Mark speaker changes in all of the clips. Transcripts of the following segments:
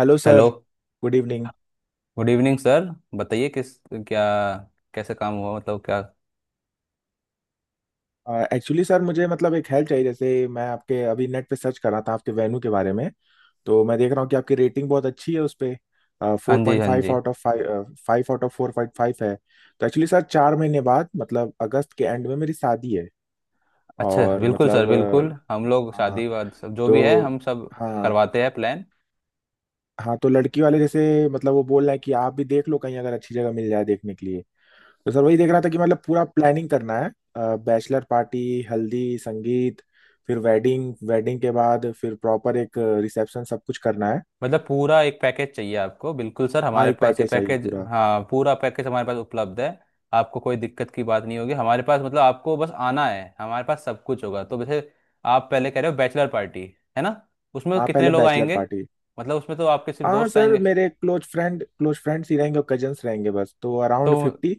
Speaker 1: Hello
Speaker 2: hello.
Speaker 1: Sir. Good evening.
Speaker 2: Good evening sir. बताइए किस क्या कैसे काम हुआ मतलब क्या
Speaker 1: एक्चुअली सर मुझे मतलब एक हेल्प चाहिए, जैसे मैं आपके अभी नेट पे सर्च कर रहा था आपके वेन्यू के बारे में। तो मैं देख रहा हूँ कि आपकी रेटिंग बहुत अच्छी है उस पे।
Speaker 2: हाँ
Speaker 1: फोर
Speaker 2: जी,
Speaker 1: पॉइंट
Speaker 2: हाँ
Speaker 1: फाइव
Speaker 2: जी।
Speaker 1: Out of five 5 out of 4.5 है। तो एक्चुअली सर 4 महीने बाद मतलब अगस्त के एंड में मेरी शादी है।
Speaker 2: अच्छा,
Speaker 1: और
Speaker 2: बिल्कुल सर,
Speaker 1: मतलब
Speaker 2: बिल्कुल। हम लोग
Speaker 1: हाँ।
Speaker 2: शादी वाद सब जो भी है
Speaker 1: तो।
Speaker 2: हम सब
Speaker 1: हाँ।
Speaker 2: करवाते हैं प्लान।
Speaker 1: हाँ तो लड़की वाले जैसे मतलब वो बोल रहे हैं कि आप भी देख लो, कहीं अगर अच्छी जगह मिल जाए देखने के लिए। तो सर वही देख रहा था कि मतलब पूरा प्लानिंग करना है। बैचलर पार्टी, हल्दी, संगीत, फिर वेडिंग, वेडिंग के बाद फिर प्रॉपर एक रिसेप्शन, सब कुछ करना है।
Speaker 2: मतलब पूरा एक पैकेज चाहिए आपको। बिल्कुल सर,
Speaker 1: हाँ,
Speaker 2: हमारे
Speaker 1: एक
Speaker 2: पास ये
Speaker 1: पैकेज चाहिए
Speaker 2: पैकेज,
Speaker 1: पूरा।
Speaker 2: हाँ, पूरा पैकेज हमारे पास उपलब्ध है। आपको कोई दिक्कत की बात नहीं होगी हमारे पास, मतलब आपको बस आना है, हमारे पास सब कुछ होगा। तो वैसे आप पहले कह रहे हो बैचलर पार्टी, है ना? उसमें
Speaker 1: हाँ,
Speaker 2: कितने
Speaker 1: पहले
Speaker 2: लोग
Speaker 1: बैचलर
Speaker 2: आएंगे?
Speaker 1: पार्टी।
Speaker 2: मतलब उसमें तो आपके सिर्फ
Speaker 1: हाँ
Speaker 2: दोस्त
Speaker 1: सर,
Speaker 2: आएंगे।
Speaker 1: मेरे क्लोज फ्रेंड क्लोज फ्रेंड्स ही रहेंगे और कजन्स रहेंगे बस। तो
Speaker 2: तो
Speaker 1: अराउंड 50।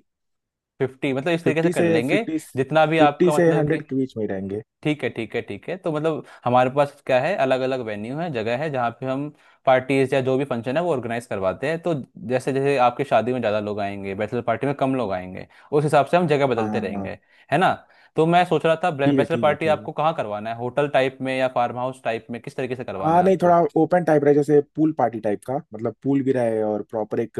Speaker 2: 50, मतलब इस तरीके से
Speaker 1: फिफ्टी
Speaker 2: कर
Speaker 1: से
Speaker 2: लेंगे
Speaker 1: फिफ्टी
Speaker 2: जितना भी
Speaker 1: फिफ्टी
Speaker 2: आपका,
Speaker 1: से
Speaker 2: मतलब कि
Speaker 1: हंड्रेड के बीच में ही रहेंगे।
Speaker 2: ठीक है, ठीक है, ठीक है। तो मतलब हमारे पास क्या है, अलग अलग वेन्यू है, जगह है जहाँ पे हम पार्टीज या जो भी फंक्शन है वो ऑर्गेनाइज करवाते हैं। तो जैसे जैसे आपकी शादी में ज़्यादा लोग आएंगे, बैचलर पार्टी में कम लोग आएंगे, उस हिसाब से हम जगह
Speaker 1: हाँ
Speaker 2: बदलते
Speaker 1: हाँ हाँ।
Speaker 2: रहेंगे, है ना? तो मैं सोच रहा था
Speaker 1: ठीक है
Speaker 2: बैचलर
Speaker 1: ठीक है
Speaker 2: पार्टी
Speaker 1: ठीक है।
Speaker 2: आपको कहाँ करवाना है, होटल टाइप में या फार्म हाउस टाइप में, किस तरीके से करवाना
Speaker 1: हाँ
Speaker 2: है
Speaker 1: नहीं,
Speaker 2: आपको?
Speaker 1: थोड़ा ओपन टाइप रहे, जैसे पूल पार्टी टाइप का, मतलब पूल भी रहे और प्रॉपर एक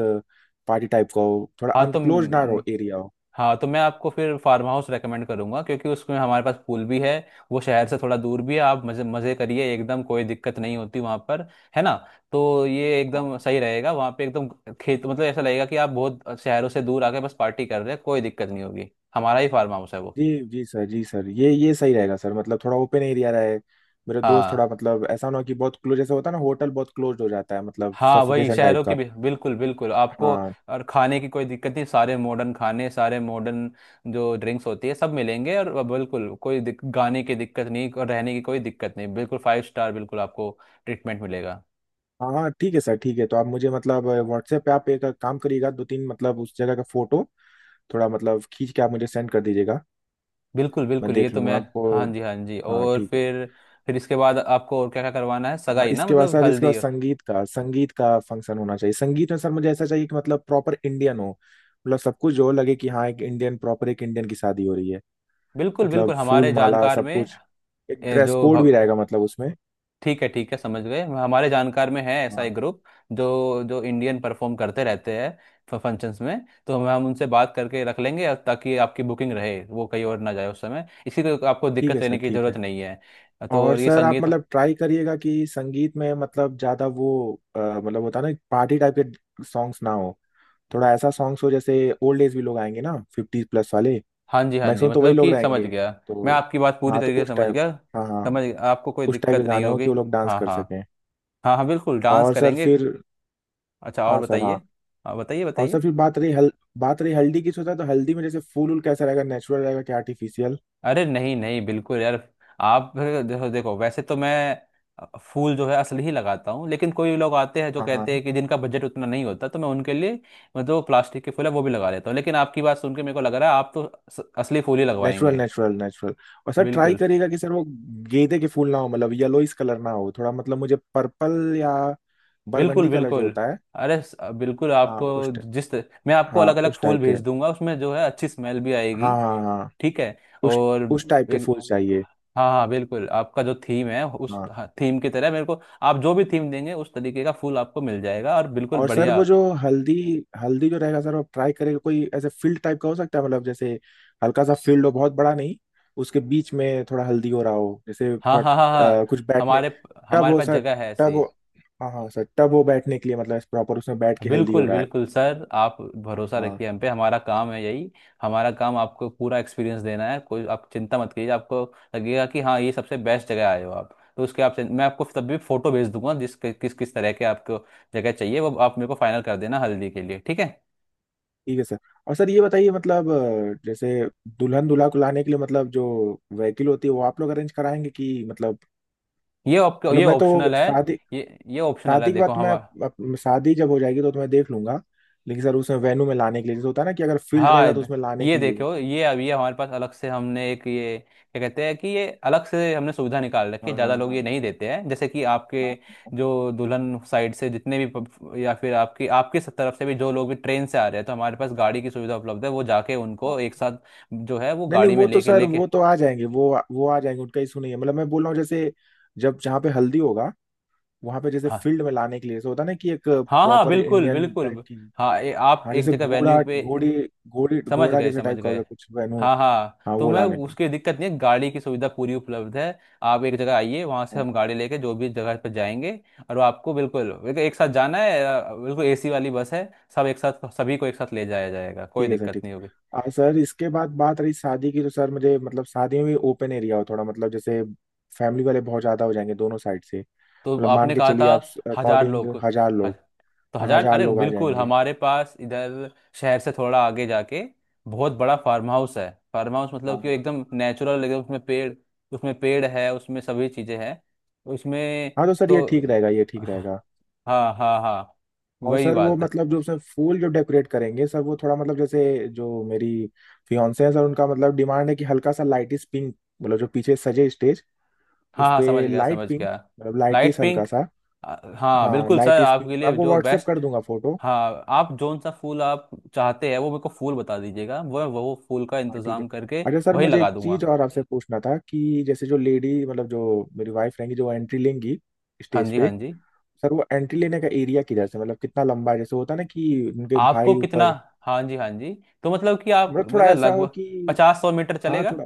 Speaker 1: पार्टी टाइप का हो, थोड़ा
Speaker 2: हाँ तो,
Speaker 1: अनक्लोज ना रहो एरिया हो।
Speaker 2: हाँ तो मैं आपको फिर फार्म हाउस रेकमेंड करूंगा क्योंकि उसमें हमारे पास पूल भी है। वो शहर से थोड़ा दूर भी है, आप मज़े मज़े करिए, एकदम कोई दिक्कत नहीं होती वहाँ पर, है ना? तो ये
Speaker 1: हाँ,
Speaker 2: एकदम
Speaker 1: हाँ।
Speaker 2: सही रहेगा वहाँ पे, एकदम खेत, मतलब ऐसा लगेगा कि आप बहुत शहरों से दूर आके बस पार्टी कर रहे हैं। कोई दिक्कत नहीं होगी, हमारा ही फार्म हाउस है वो।
Speaker 1: जी। जी सर, जी सर, ये सही रहेगा सर, मतलब थोड़ा ओपन एरिया रहे। मेरे दोस्त
Speaker 2: हाँ,
Speaker 1: थोड़ा, मतलब ऐसा ना हो कि बहुत क्लोज, जैसे होता है ना, होटल बहुत क्लोज हो जाता है, मतलब
Speaker 2: हाँ, वही
Speaker 1: सफोकेशन टाइप
Speaker 2: शहरों के
Speaker 1: का।
Speaker 2: भी। बिल्कुल बिल्कुल आपको।
Speaker 1: हाँ
Speaker 2: और खाने की कोई दिक्कत नहीं, सारे मॉडर्न खाने, सारे मॉडर्न जो ड्रिंक्स होती है सब मिलेंगे। और बिल्कुल कोई गाने की दिक्कत नहीं, और रहने की कोई दिक्कत नहीं, बिल्कुल फाइव स्टार, बिल्कुल आपको ट्रीटमेंट मिलेगा।
Speaker 1: हाँ हाँ, ठीक है सर ठीक है। तो आप मुझे मतलब व्हाट्सएप पे आप एक काम करिएगा, 2-3 मतलब उस जगह का फोटो थोड़ा मतलब खींच के आप मुझे सेंड कर दीजिएगा।
Speaker 2: बिल्कुल
Speaker 1: मैं
Speaker 2: बिल्कुल, ये
Speaker 1: देख
Speaker 2: तो
Speaker 1: लूंगा
Speaker 2: मैं। हाँ
Speaker 1: आपको।
Speaker 2: जी, हाँ जी,
Speaker 1: हाँ
Speaker 2: और
Speaker 1: ठीक है।
Speaker 2: फिर इसके बाद आपको और क्या क्या करवाना है,
Speaker 1: हाँ
Speaker 2: सगाई ना
Speaker 1: इसके बाद
Speaker 2: मतलब
Speaker 1: सर, इसके
Speaker 2: हल्दी?
Speaker 1: बाद संगीत का फंक्शन होना चाहिए। संगीत में सर मुझे ऐसा चाहिए कि मतलब प्रॉपर इंडियन हो, मतलब सब कुछ जो लगे कि हाँ, एक इंडियन, प्रॉपर एक इंडियन की शादी हो रही है,
Speaker 2: बिल्कुल
Speaker 1: मतलब
Speaker 2: बिल्कुल
Speaker 1: फूल
Speaker 2: हमारे
Speaker 1: माला
Speaker 2: जानकार
Speaker 1: सब
Speaker 2: में।
Speaker 1: कुछ। एक
Speaker 2: ए,
Speaker 1: ड्रेस
Speaker 2: जो
Speaker 1: कोड भी
Speaker 2: भव-
Speaker 1: रहेगा मतलब उसमें।
Speaker 2: ठीक है, ठीक है, समझ गए। हमारे जानकार में है ऐसा
Speaker 1: हाँ
Speaker 2: एक ग्रुप जो जो इंडियन परफॉर्म करते रहते हैं फंक्शंस में। तो हम उनसे बात करके रख लेंगे, और ताकि आपकी बुकिंग रहे, वो कहीं और ना जाए उस समय, इसी को आपको
Speaker 1: ठीक
Speaker 2: दिक्कत
Speaker 1: है सर
Speaker 2: लेने की
Speaker 1: ठीक है।
Speaker 2: ज़रूरत नहीं है। तो
Speaker 1: और
Speaker 2: और ये
Speaker 1: सर आप
Speaker 2: संगीत।
Speaker 1: मतलब ट्राई करिएगा कि संगीत में मतलब ज़्यादा वो मतलब होता है ना पार्टी टाइप के सॉन्ग्स ना हो, थोड़ा ऐसा सॉन्ग्स हो जैसे, ओल्ड एज भी लोग आएंगे ना, 50+ वाले।
Speaker 2: हाँ जी, हाँ जी,
Speaker 1: मैक्सिमम तो वही
Speaker 2: मतलब
Speaker 1: लोग
Speaker 2: कि समझ
Speaker 1: रहेंगे
Speaker 2: गया। मैं
Speaker 1: तो।
Speaker 2: आपकी बात पूरी
Speaker 1: हाँ तो
Speaker 2: तरीके से
Speaker 1: उस
Speaker 2: समझ
Speaker 1: टाइप,
Speaker 2: गया,
Speaker 1: हाँ हाँ
Speaker 2: समझ गया, आपको कोई
Speaker 1: उस टाइप के
Speaker 2: दिक्कत नहीं
Speaker 1: गाने हो
Speaker 2: होगी।
Speaker 1: कि वो लोग डांस
Speaker 2: हाँ
Speaker 1: कर
Speaker 2: हाँ,
Speaker 1: सकें।
Speaker 2: हाँ हाँ, बिल्कुल डांस
Speaker 1: और सर
Speaker 2: करेंगे।
Speaker 1: फिर,
Speaker 2: अच्छा, और
Speaker 1: हाँ सर
Speaker 2: बताइए।
Speaker 1: हाँ।
Speaker 2: हाँ, बताइए
Speaker 1: और
Speaker 2: बताइए।
Speaker 1: सर फिर बात रही हल बात रही हल्दी की, सोचा तो हल्दी में जैसे फूल वूल कैसा रहेगा, नेचुरल रहेगा कि आर्टिफिशियल?
Speaker 2: अरे नहीं नहीं, बिल्कुल यार। आप फिर देखो देखो, वैसे तो मैं फूल जो है असली ही लगाता हूँ, लेकिन कोई लोग आते हैं जो
Speaker 1: हाँ हाँ,
Speaker 2: कहते हैं कि जिनका बजट उतना नहीं होता, तो मैं उनके लिए मतलब जो प्लास्टिक के फूल है वो भी लगा लेता हूँ। लेकिन आपकी बात सुन के मेरे को लग रहा है आप तो असली फूल ही
Speaker 1: नेचुरल
Speaker 2: लगवाएंगे।
Speaker 1: Natural natural. और सर ट्राई
Speaker 2: बिल्कुल
Speaker 1: करिएगा कि सर वो गेंदे के फूल ना हो, मतलब येलोइस कलर ना हो, थोड़ा मतलब मुझे पर्पल या
Speaker 2: बिल्कुल
Speaker 1: बरगंडी कलर जो
Speaker 2: बिल्कुल।
Speaker 1: होता है।
Speaker 2: बिल्कुल
Speaker 1: हाँ
Speaker 2: आपको, जिस, मैं आपको
Speaker 1: हाँ
Speaker 2: अलग अलग
Speaker 1: उस
Speaker 2: फूल
Speaker 1: टाइप के,
Speaker 2: भेज दूंगा, उसमें जो है अच्छी स्मेल भी आएगी।
Speaker 1: हाँ हाँ हाँ
Speaker 2: ठीक है।
Speaker 1: उस
Speaker 2: और
Speaker 1: उस टाइप के
Speaker 2: एक,
Speaker 1: फूल चाहिए।
Speaker 2: हाँ हाँ बिल्कुल, आपका जो थीम है उस
Speaker 1: हाँ।
Speaker 2: थीम की तरह, मेरे को आप जो भी थीम देंगे उस तरीके का फूल आपको मिल जाएगा, और बिल्कुल
Speaker 1: और सर
Speaker 2: बढ़िया।
Speaker 1: वो जो हल्दी, हल्दी जो रहेगा सर आप ट्राई करेगा कोई ऐसे फील्ड टाइप का हो सकता है मतलब जैसे, हल्का सा फील्ड हो बहुत बड़ा नहीं, उसके बीच में थोड़ा हल्दी हो रहा हो जैसे
Speaker 2: हाँ
Speaker 1: थोड़ा
Speaker 2: हाँ हाँ हाँ।
Speaker 1: कुछ बैठने,
Speaker 2: हमारे,
Speaker 1: टब
Speaker 2: हमारे
Speaker 1: हो
Speaker 2: पास
Speaker 1: सर,
Speaker 2: जगह है
Speaker 1: टब
Speaker 2: ऐसी।
Speaker 1: हो। हाँ हाँ सर टब हो बैठने के लिए, मतलब प्रॉपर उसमें बैठ के हल्दी हो
Speaker 2: बिल्कुल
Speaker 1: रहा है।
Speaker 2: बिल्कुल सर, आप भरोसा
Speaker 1: हाँ
Speaker 2: रखिए हम पे, हमारा काम है यही। हमारा काम आपको पूरा एक्सपीरियंस देना है, कोई आप चिंता मत कीजिए। आपको लगेगा कि हाँ, ये सबसे बेस्ट जगह आए हो आप। तो उसके आप, मैं आपको तब भी फोटो भेज दूंगा जिस किस किस तरह के आपको जगह चाहिए, वो आप मेरे को फाइनल कर देना हल्दी के लिए, ठीक है?
Speaker 1: ठीक है सर। और सर ये बताइए मतलब जैसे दुल्हन दूल्हा को लाने के लिए मतलब जो व्हीकल होती है वो आप लोग अरेंज कराएंगे कि मतलब,
Speaker 2: ये
Speaker 1: मतलब मैं तो
Speaker 2: ऑप्शनल है।
Speaker 1: शादी,
Speaker 2: ये ऑप्शनल है,
Speaker 1: शादी के बाद
Speaker 2: देखो हम।
Speaker 1: तुम्हें शादी जब हो जाएगी तो तुम्हें देख लूंगा, लेकिन सर उसमें वेन्यू में लाने के लिए जैसे होता है ना कि अगर फील्ड
Speaker 2: हाँ,
Speaker 1: रहेगा तो उसमें लाने
Speaker 2: ये
Speaker 1: के लिए।
Speaker 2: देखो ये अभी हमारे पास अलग से हमने एक ये, क्या कहते हैं, कि ये अलग से हमने सुविधा निकाल रखी है,
Speaker 1: हाँ हाँ
Speaker 2: ज़्यादा लोग
Speaker 1: हाँ
Speaker 2: ये नहीं देते हैं। जैसे कि आपके
Speaker 1: हाँ हाँ
Speaker 2: जो दुल्हन साइड से जितने भी या फिर आपकी आपकी तरफ से भी जो लोग भी ट्रेन से आ रहे हैं, तो हमारे पास गाड़ी की सुविधा उपलब्ध है। वो जाके उनको एक
Speaker 1: हाँ।
Speaker 2: साथ जो है वो
Speaker 1: नहीं नहीं,
Speaker 2: गाड़ी में
Speaker 1: वो तो
Speaker 2: लेके
Speaker 1: सर,
Speaker 2: लेके,
Speaker 1: वो तो आ जाएंगे, वो आ जाएंगे, उनका इशू नहीं है। मतलब मैं बोल रहा हूँ जैसे जब, जहाँ पे हल्दी होगा, वहां पे जैसे
Speaker 2: हाँ
Speaker 1: फील्ड में लाने के लिए जैसे होता है ना कि एक
Speaker 2: हाँ हाँ
Speaker 1: प्रॉपर
Speaker 2: बिल्कुल
Speaker 1: इंडियन टाइप
Speaker 2: बिल्कुल।
Speaker 1: की,
Speaker 2: हाँ ये आप
Speaker 1: हाँ
Speaker 2: एक
Speaker 1: जैसे
Speaker 2: जगह वेन्यू
Speaker 1: घोड़ा
Speaker 2: पे।
Speaker 1: घोड़ी, घोड़ी
Speaker 2: समझ
Speaker 1: घोड़ा
Speaker 2: गए
Speaker 1: जैसे
Speaker 2: समझ
Speaker 1: टाइप का हो
Speaker 2: गए।
Speaker 1: गया कुछ वेन्यू।
Speaker 2: हाँ हाँ,
Speaker 1: हाँ
Speaker 2: तो
Speaker 1: वो
Speaker 2: मैं
Speaker 1: लाने के लिए।
Speaker 2: उसकी दिक्कत नहीं है, गाड़ी की सुविधा पूरी उपलब्ध है। आप एक जगह आइए, वहां से
Speaker 1: हाँ।
Speaker 2: हम गाड़ी लेके जो भी जगह पर जाएंगे। और वो आपको बिल्कुल बिल्कुल एक साथ जाना है, बिल्कुल एसी वाली बस है, सब एक साथ, सभी को एक साथ ले जाया जाएगा, कोई
Speaker 1: ठीक है सर,
Speaker 2: दिक्कत
Speaker 1: ठीक।
Speaker 2: नहीं होगी।
Speaker 1: सर इसके बाद बात रही शादी की, तो सर मुझे मतलब शादी में भी ओपन एरिया हो थोड़ा, मतलब जैसे फैमिली वाले बहुत ज्यादा हो जाएंगे दोनों साइड से,
Speaker 2: तो
Speaker 1: मतलब मान
Speaker 2: आपने
Speaker 1: के
Speaker 2: कहा था
Speaker 1: चलिए आप
Speaker 2: 1000
Speaker 1: अकॉर्डिंग
Speaker 2: लोग।
Speaker 1: 1,000 लोग,
Speaker 2: तो 1000,
Speaker 1: हजार
Speaker 2: अरे
Speaker 1: लोग आ
Speaker 2: बिल्कुल,
Speaker 1: जाएंगे।
Speaker 2: हमारे पास इधर शहर से थोड़ा आगे जाके बहुत बड़ा फार्म हाउस है। फार्म हाउस,
Speaker 1: हाँ
Speaker 2: मतलब कि
Speaker 1: हाँ
Speaker 2: एकदम नेचुरल, एकदम, उसमें पेड़, उसमें पेड़ है, उसमें सभी चीज़ें हैं उसमें।
Speaker 1: हाँ, तो सर ये
Speaker 2: तो
Speaker 1: ठीक रहेगा, ये ठीक
Speaker 2: हाँ
Speaker 1: रहेगा।
Speaker 2: हाँ हाँ, हाँ,
Speaker 1: और
Speaker 2: वही
Speaker 1: सर वो
Speaker 2: बात है।
Speaker 1: मतलब जो उसमें फूल जो डेकोरेट करेंगे सर वो थोड़ा मतलब जैसे जो मेरी फियांसे है सर, उनका मतलब डिमांड है कि हल्का सा लाइटिस पिंक, मतलब जो पीछे सजे स्टेज
Speaker 2: हाँ
Speaker 1: उस
Speaker 2: हाँ समझ
Speaker 1: पे
Speaker 2: गया,
Speaker 1: लाइट
Speaker 2: समझ गया।
Speaker 1: पिंक, मतलब
Speaker 2: लाइट
Speaker 1: लाइटिस हल्का
Speaker 2: पिंक।
Speaker 1: सा।
Speaker 2: हाँ
Speaker 1: हाँ
Speaker 2: बिल्कुल सर,
Speaker 1: लाइटिस पिंक,
Speaker 2: आपके
Speaker 1: मैं
Speaker 2: लिए
Speaker 1: आपको
Speaker 2: जो
Speaker 1: व्हाट्सएप
Speaker 2: बेस्ट।
Speaker 1: कर दूंगा फोटो।
Speaker 2: हाँ, आप जोन सा फूल आप चाहते हैं वो मेरे को फूल बता दीजिएगा, वो फूल का
Speaker 1: हाँ ठीक है।
Speaker 2: इंतज़ाम करके
Speaker 1: अच्छा सर
Speaker 2: वही
Speaker 1: मुझे
Speaker 2: लगा
Speaker 1: एक
Speaker 2: दूंगा।
Speaker 1: चीज और आपसे पूछना था कि जैसे जो लेडी मतलब जो मेरी वाइफ रहेंगी जो एंट्री लेंगी
Speaker 2: हाँ
Speaker 1: स्टेज
Speaker 2: जी,
Speaker 1: पे,
Speaker 2: हाँ जी।
Speaker 1: सर वो एंट्री लेने का एरिया किधर से, मतलब कितना लंबा है, जैसे होता है ना कि उनके
Speaker 2: आपको
Speaker 1: भाई
Speaker 2: कितना?
Speaker 1: ऊपर,
Speaker 2: हाँ जी, हाँ जी, तो मतलब कि आप
Speaker 1: मतलब थोड़ा
Speaker 2: मतलब
Speaker 1: ऐसा हो
Speaker 2: लगभग
Speaker 1: कि,
Speaker 2: 50-100 मीटर
Speaker 1: हाँ
Speaker 2: चलेगा?
Speaker 1: थोड़ा,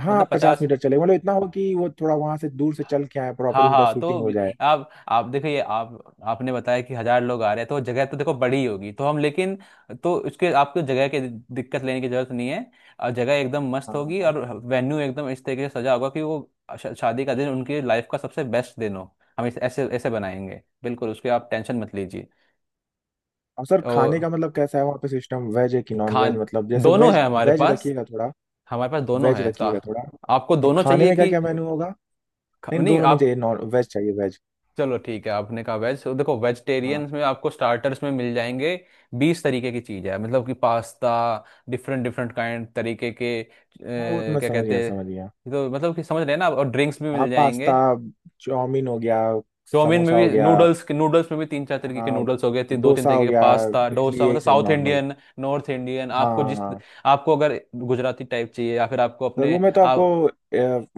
Speaker 1: हाँ
Speaker 2: मतलब
Speaker 1: पचास
Speaker 2: 50?
Speaker 1: मीटर चले, मतलब इतना हो कि वो थोड़ा वहां से दूर से चल के आए, प्रॉपर
Speaker 2: हाँ
Speaker 1: उनका
Speaker 2: हाँ तो
Speaker 1: शूटिंग हो जाए।
Speaker 2: आप देखिए, आप आपने बताया कि 1000 लोग आ रहे हैं, तो जगह तो देखो बड़ी होगी तो हम, लेकिन तो उसके आपको जगह की दिक्कत लेने की जरूरत नहीं है, और जगह एकदम मस्त
Speaker 1: हाँ हाँ
Speaker 2: होगी।
Speaker 1: हाँ।
Speaker 2: और वेन्यू एकदम इस तरीके से सजा होगा कि वो शादी का दिन उनकी लाइफ का सबसे बेस्ट दिन हो, हम इस ऐसे ऐसे बनाएंगे, बिल्कुल उसके आप टेंशन मत लीजिए।
Speaker 1: और सर खाने
Speaker 2: और
Speaker 1: का मतलब कैसा है वहाँ पे सिस्टम, वेज है कि नॉन वेज,
Speaker 2: खान,
Speaker 1: मतलब जैसे
Speaker 2: दोनों
Speaker 1: वेज।
Speaker 2: है हमारे
Speaker 1: वेज
Speaker 2: पास।
Speaker 1: रखिएगा थोड़ा,
Speaker 2: हमारे पास दोनों
Speaker 1: वेज
Speaker 2: है, तो
Speaker 1: रखिएगा थोड़ा।
Speaker 2: आपको
Speaker 1: और
Speaker 2: दोनों
Speaker 1: खाने
Speaker 2: चाहिए
Speaker 1: में क्या
Speaker 2: कि?
Speaker 1: क्या मेन्यू होगा? नहीं,
Speaker 2: नहीं
Speaker 1: दोनों नहीं
Speaker 2: आप,
Speaker 1: चाहिए, नॉन वेज चाहिए, वेज।
Speaker 2: चलो ठीक है, आपने कहा वेज। तो देखो
Speaker 1: हाँ।
Speaker 2: वेजिटेरियंस में आपको स्टार्टर्स में मिल जाएंगे 20 तरीके की चीज़ है, मतलब कि पास्ता, डिफरेंट डिफरेंट काइंड तरीके के,
Speaker 1: हाँ वो तो मैं
Speaker 2: क्या
Speaker 1: समझ गया,
Speaker 2: कहते हैं।
Speaker 1: समझ गया।
Speaker 2: तो मतलब कि समझ रहे हैं ना आप? और ड्रिंक्स भी
Speaker 1: हाँ
Speaker 2: मिल जाएंगे।
Speaker 1: पास्ता, चाउमीन हो गया,
Speaker 2: चाउमीन में
Speaker 1: समोसा
Speaker 2: भी
Speaker 1: हो गया।
Speaker 2: नूडल्स के, नूडल्स में भी 3-4 तरीके के
Speaker 1: हाँ
Speaker 2: नूडल्स हो गए, 2-3
Speaker 1: डोसा
Speaker 2: तरीके
Speaker 1: हो
Speaker 2: के
Speaker 1: गया,
Speaker 2: पास्ता,
Speaker 1: इडली,
Speaker 2: डोसा
Speaker 1: यही
Speaker 2: मतलब
Speaker 1: सब
Speaker 2: south
Speaker 1: normal.
Speaker 2: Indian, north Indian,
Speaker 1: हाँ
Speaker 2: आपको
Speaker 1: हाँ
Speaker 2: जिस।
Speaker 1: हाँ।
Speaker 2: आपको अगर गुजराती टाइप चाहिए या फिर आपको
Speaker 1: सर
Speaker 2: अपने
Speaker 1: वो मैं तो आपको
Speaker 2: आप।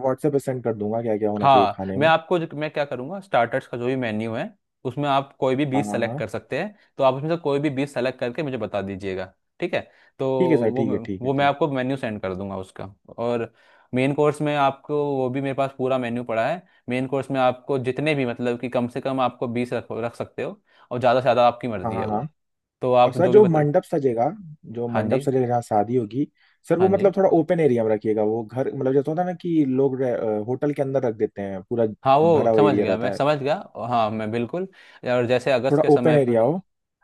Speaker 1: व्हाट्सएप पे सेंड कर दूंगा क्या क्या होना चाहिए
Speaker 2: हाँ,
Speaker 1: खाने
Speaker 2: मैं
Speaker 1: में।
Speaker 2: आपको जो, मैं क्या करूँगा, स्टार्टर्स का जो भी मेन्यू है उसमें आप कोई भी
Speaker 1: हाँ
Speaker 2: 20
Speaker 1: हाँ
Speaker 2: सेलेक्ट
Speaker 1: हाँ।
Speaker 2: कर सकते हैं, तो आप उसमें से कोई भी 20 सेलेक्ट करके मुझे बता दीजिएगा, ठीक है? तो
Speaker 1: ठीक है सर ठीक है ठीक है
Speaker 2: वो मैं
Speaker 1: ठीक।
Speaker 2: आपको मेन्यू सेंड कर दूंगा उसका। और मेन कोर्स में आपको, वो भी मेरे पास पूरा मेन्यू पड़ा है, मेन कोर्स में आपको जितने भी मतलब कि कम से कम आपको 20 रख रख सकते हो, और ज़्यादा से ज़्यादा आपकी
Speaker 1: हाँ
Speaker 2: मर्ज़ी है
Speaker 1: हाँ हाँ।
Speaker 2: वो। तो
Speaker 1: और
Speaker 2: आप
Speaker 1: सर
Speaker 2: जो भी
Speaker 1: जो
Speaker 2: बता।
Speaker 1: मंडप सजेगा, जो
Speaker 2: हाँ
Speaker 1: मंडप
Speaker 2: जी,
Speaker 1: सजेगा जहाँ शादी होगी, सर
Speaker 2: हाँ
Speaker 1: वो
Speaker 2: जी।
Speaker 1: मतलब थोड़ा ओपन एरिया में रखिएगा, वो घर मतलब जैसे होता है ना कि लोग होटल के अंदर रख देते हैं, पूरा
Speaker 2: हाँ वो
Speaker 1: भरा हुआ
Speaker 2: समझ
Speaker 1: एरिया
Speaker 2: गया,
Speaker 1: रहता
Speaker 2: मैं
Speaker 1: है।
Speaker 2: समझ गया। हाँ मैं बिल्कुल। और जैसे अगस्त
Speaker 1: थोड़ा
Speaker 2: के
Speaker 1: ओपन
Speaker 2: समय,
Speaker 1: एरिया हो।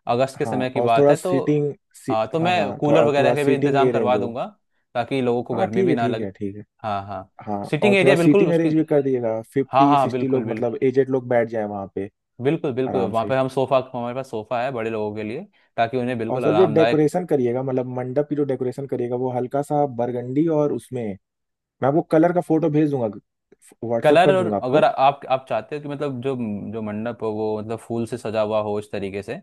Speaker 2: अगस्त के
Speaker 1: हाँ
Speaker 2: समय की
Speaker 1: और
Speaker 2: बात
Speaker 1: थोड़ा
Speaker 2: है तो, हाँ तो
Speaker 1: हाँ
Speaker 2: मैं
Speaker 1: हाँ थोड़ा,
Speaker 2: कूलर
Speaker 1: और थोड़ा
Speaker 2: वगैरह के भी
Speaker 1: सीटिंग
Speaker 2: इंतजाम
Speaker 1: अरेंज
Speaker 2: करवा
Speaker 1: हो।
Speaker 2: दूंगा ताकि लोगों को
Speaker 1: हाँ
Speaker 2: गर्मी
Speaker 1: ठीक
Speaker 2: भी
Speaker 1: है
Speaker 2: ना
Speaker 1: ठीक
Speaker 2: लगे।
Speaker 1: है ठीक है।
Speaker 2: हाँ हाँ।
Speaker 1: हाँ
Speaker 2: सिटिंग
Speaker 1: और थोड़ा
Speaker 2: एरिया बिल्कुल
Speaker 1: सीटिंग
Speaker 2: उसकी।
Speaker 1: अरेंज भी कर दिएगा,
Speaker 2: हाँ
Speaker 1: फिफ्टी
Speaker 2: हाँ
Speaker 1: सिक्सटी
Speaker 2: बिल्कुल
Speaker 1: लोग
Speaker 2: बिल्कुल।
Speaker 1: मतलब एजेड लोग बैठ जाए वहाँ पे
Speaker 2: बिल्कुल बिल्कुल
Speaker 1: आराम
Speaker 2: वहाँ
Speaker 1: से।
Speaker 2: पे हम सोफा, हमारे पास सोफा है बड़े लोगों के लिए, ताकि उन्हें
Speaker 1: और
Speaker 2: बिल्कुल
Speaker 1: सर जो
Speaker 2: आरामदायक।
Speaker 1: डेकोरेशन करिएगा मतलब मंडप की जो डेकोरेशन करिएगा वो हल्का सा बरगंडी, और उसमें मैं आपको कलर का फोटो भेज दूंगा, व्हाट्सअप
Speaker 2: कलर,
Speaker 1: कर
Speaker 2: और
Speaker 1: दूंगा
Speaker 2: अगर
Speaker 1: आपको।
Speaker 2: आप चाहते हो कि मतलब जो, जो मंडप हो वो मतलब फूल से सजा हुआ हो इस तरीके से,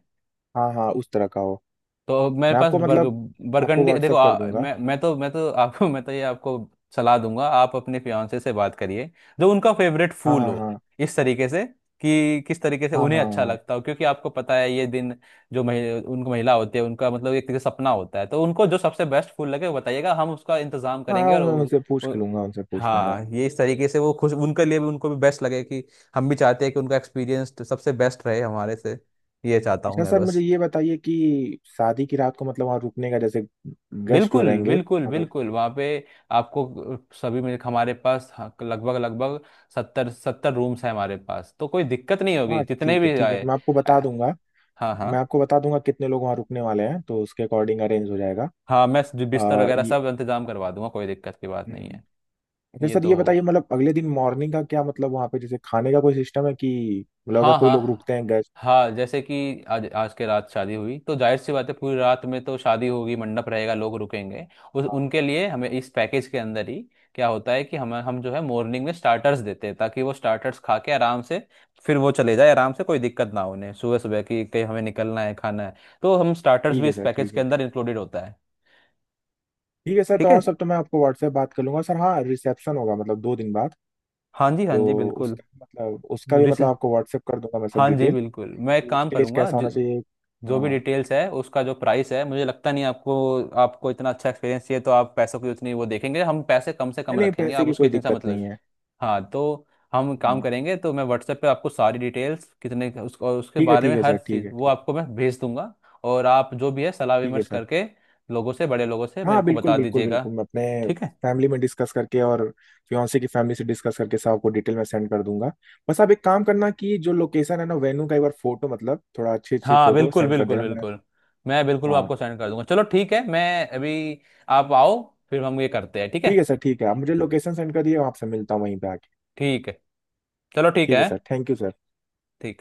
Speaker 1: हाँ हाँ, उस तरह का हो।
Speaker 2: तो मेरे
Speaker 1: मैं
Speaker 2: पास
Speaker 1: आपको
Speaker 2: बर्ग
Speaker 1: मतलब आपको
Speaker 2: बरगंडी देखो।
Speaker 1: व्हाट्सअप कर दूंगा।
Speaker 2: मैं तो आपको मैं तो ये आपको सलाह दूंगा आप अपने फियांसे से बात करिए जो उनका फेवरेट
Speaker 1: हाँ
Speaker 2: फूल
Speaker 1: हाँ
Speaker 2: हो,
Speaker 1: हाँ
Speaker 2: इस तरीके से कि किस तरीके से
Speaker 1: हाँ
Speaker 2: उन्हें अच्छा
Speaker 1: हाँ
Speaker 2: लगता हो, क्योंकि आपको पता है ये दिन जो उनको महिला होती है, उनका मतलब एक तरीके से सपना होता है, तो उनको जो सबसे बेस्ट फूल लगे वो बताइएगा, हम उसका इंतजाम
Speaker 1: हाँ
Speaker 2: करेंगे।
Speaker 1: हाँ।
Speaker 2: और
Speaker 1: मैं उनसे पूछ
Speaker 2: उ,
Speaker 1: लूंगा, उनसे पूछ लूंगा।
Speaker 2: हाँ ये इस तरीके से वो खुश, उनके लिए भी, उनको भी बेस्ट लगे। कि हम भी चाहते हैं कि उनका एक्सपीरियंस सबसे बेस्ट रहे हमारे से, ये चाहता हूँ
Speaker 1: अच्छा
Speaker 2: मैं
Speaker 1: सर मुझे
Speaker 2: बस।
Speaker 1: ये बताइए कि शादी की रात को मतलब वहाँ रुकने का, जैसे गेस्ट जो
Speaker 2: बिल्कुल
Speaker 1: रहेंगे,
Speaker 2: बिल्कुल
Speaker 1: अगर।
Speaker 2: बिल्कुल वहाँ पे आपको। सभी में हमारे पास, हाँ, लगभग लगभग 70 रूम्स हैं हमारे पास, तो कोई दिक्कत नहीं होगी
Speaker 1: हाँ
Speaker 2: जितने
Speaker 1: ठीक है
Speaker 2: भी
Speaker 1: ठीक है,
Speaker 2: आए।
Speaker 1: मैं आपको
Speaker 2: अ,
Speaker 1: बता दूंगा।
Speaker 2: हाँ
Speaker 1: मैं
Speaker 2: हाँ।
Speaker 1: आपको बता दूंगा कितने लोग वहाँ रुकने वाले हैं, तो उसके अकॉर्डिंग अरेंज हो जाएगा।
Speaker 2: हाँ मैं बिस्तर वगैरह
Speaker 1: ये।
Speaker 2: सब इंतजाम करवा दूंगा, कोई दिक्कत की बात
Speaker 1: हम्म,
Speaker 2: नहीं
Speaker 1: हम्म।
Speaker 2: है।
Speaker 1: अच्छा
Speaker 2: ये
Speaker 1: सर
Speaker 2: तो
Speaker 1: ये
Speaker 2: होगा।
Speaker 1: बताइए, मतलब अगले दिन मॉर्निंग का क्या, मतलब वहाँ पे जैसे खाने का कोई सिस्टम है कि, मतलब अगर
Speaker 2: हाँ
Speaker 1: कोई
Speaker 2: हाँ
Speaker 1: लोग
Speaker 2: हाँ,
Speaker 1: रुकते हैं गेस्ट।
Speaker 2: हाँ, जैसे कि आज आज के रात शादी हुई तो जाहिर सी बात है पूरी रात में तो शादी होगी, मंडप रहेगा, लोग रुकेंगे। उस
Speaker 1: हाँ
Speaker 2: उनके लिए हमें इस पैकेज के अंदर ही, क्या होता है कि हम जो है मॉर्निंग में स्टार्टर्स देते हैं, ताकि वो स्टार्टर्स खा के आराम से फिर वो चले जाए, आराम से, कोई दिक्कत ना हो उन्हें, सुबह सुबह की कहीं हमें निकलना है, खाना है, तो हम स्टार्टर्स
Speaker 1: ठीक
Speaker 2: भी
Speaker 1: है
Speaker 2: इस
Speaker 1: सर
Speaker 2: पैकेज
Speaker 1: ठीक
Speaker 2: के
Speaker 1: है
Speaker 2: अंदर
Speaker 1: ठीक।
Speaker 2: इंक्लूडेड होता है।
Speaker 1: ठीक है सर, तो
Speaker 2: ठीक है।
Speaker 1: और सब तो मैं आपको व्हाट्सएप बात कर लूंगा सर। हाँ रिसेप्शन होगा मतलब 2 दिन बाद,
Speaker 2: हाँ जी हाँ
Speaker 1: तो
Speaker 2: जी बिल्कुल।
Speaker 1: उसका मतलब उसका भी मतलब आपको व्हाट्सएप कर दूंगा मैं सब
Speaker 2: हाँ जी
Speaker 1: डिटेल।
Speaker 2: बिल्कुल, मैं एक काम
Speaker 1: स्टेज
Speaker 2: करूंगा।
Speaker 1: कैसा
Speaker 2: जो
Speaker 1: होना चाहिए।
Speaker 2: जो भी
Speaker 1: हाँ।
Speaker 2: डिटेल्स है उसका जो प्राइस है, मुझे लगता नहीं आपको, आपको इतना अच्छा एक्सपीरियंस चाहिए तो आप पैसों की उतनी वो देखेंगे, हम पैसे कम से
Speaker 1: नहीं
Speaker 2: कम
Speaker 1: नहीं,
Speaker 2: रखेंगे,
Speaker 1: पैसे
Speaker 2: आप
Speaker 1: की
Speaker 2: उसके
Speaker 1: कोई
Speaker 2: चिंता
Speaker 1: दिक्कत
Speaker 2: मतलब।
Speaker 1: नहीं है।
Speaker 2: हाँ तो हम काम
Speaker 1: हाँ
Speaker 2: करेंगे तो मैं व्हाट्सएप पे आपको सारी डिटेल्स और उसके बारे में
Speaker 1: ठीक है
Speaker 2: हर
Speaker 1: सर ठीक
Speaker 2: चीज़
Speaker 1: है
Speaker 2: वो
Speaker 1: ठीक है।
Speaker 2: आपको मैं भेज दूंगा। और आप जो भी है सलाह
Speaker 1: ठीक है
Speaker 2: विमर्श
Speaker 1: सर।
Speaker 2: करके लोगों से, बड़े लोगों से मेरे
Speaker 1: हाँ
Speaker 2: को
Speaker 1: बिल्कुल
Speaker 2: बता
Speaker 1: बिल्कुल
Speaker 2: दीजिएगा।
Speaker 1: बिल्कुल, मैं अपने
Speaker 2: ठीक है।
Speaker 1: फैमिली में डिस्कस करके और फियांसे की फैमिली से डिस्कस करके सब आपको डिटेल में सेंड कर दूंगा। बस आप एक काम करना, कि जो लोकेशन है ना वेन्यू का, एक बार फोटो मतलब थोड़ा अच्छी अच्छी
Speaker 2: हाँ
Speaker 1: फोटो
Speaker 2: बिल्कुल
Speaker 1: सेंड कर
Speaker 2: बिल्कुल
Speaker 1: देना मैं।
Speaker 2: बिल्कुल, मैं बिल्कुल वो
Speaker 1: हाँ
Speaker 2: आपको सेंड कर दूंगा। चलो ठीक है, मैं अभी, आप आओ फिर हम ये करते हैं, ठीक है।
Speaker 1: ठीक है सर ठीक है। आप मुझे लोकेशन सेंड कर दिए, वहाँ से मिलता हूँ वहीं पे आके।
Speaker 2: ठीक है, चलो ठीक
Speaker 1: ठीक
Speaker 2: है।
Speaker 1: है सर, थैंक यू सर।
Speaker 2: ठीक।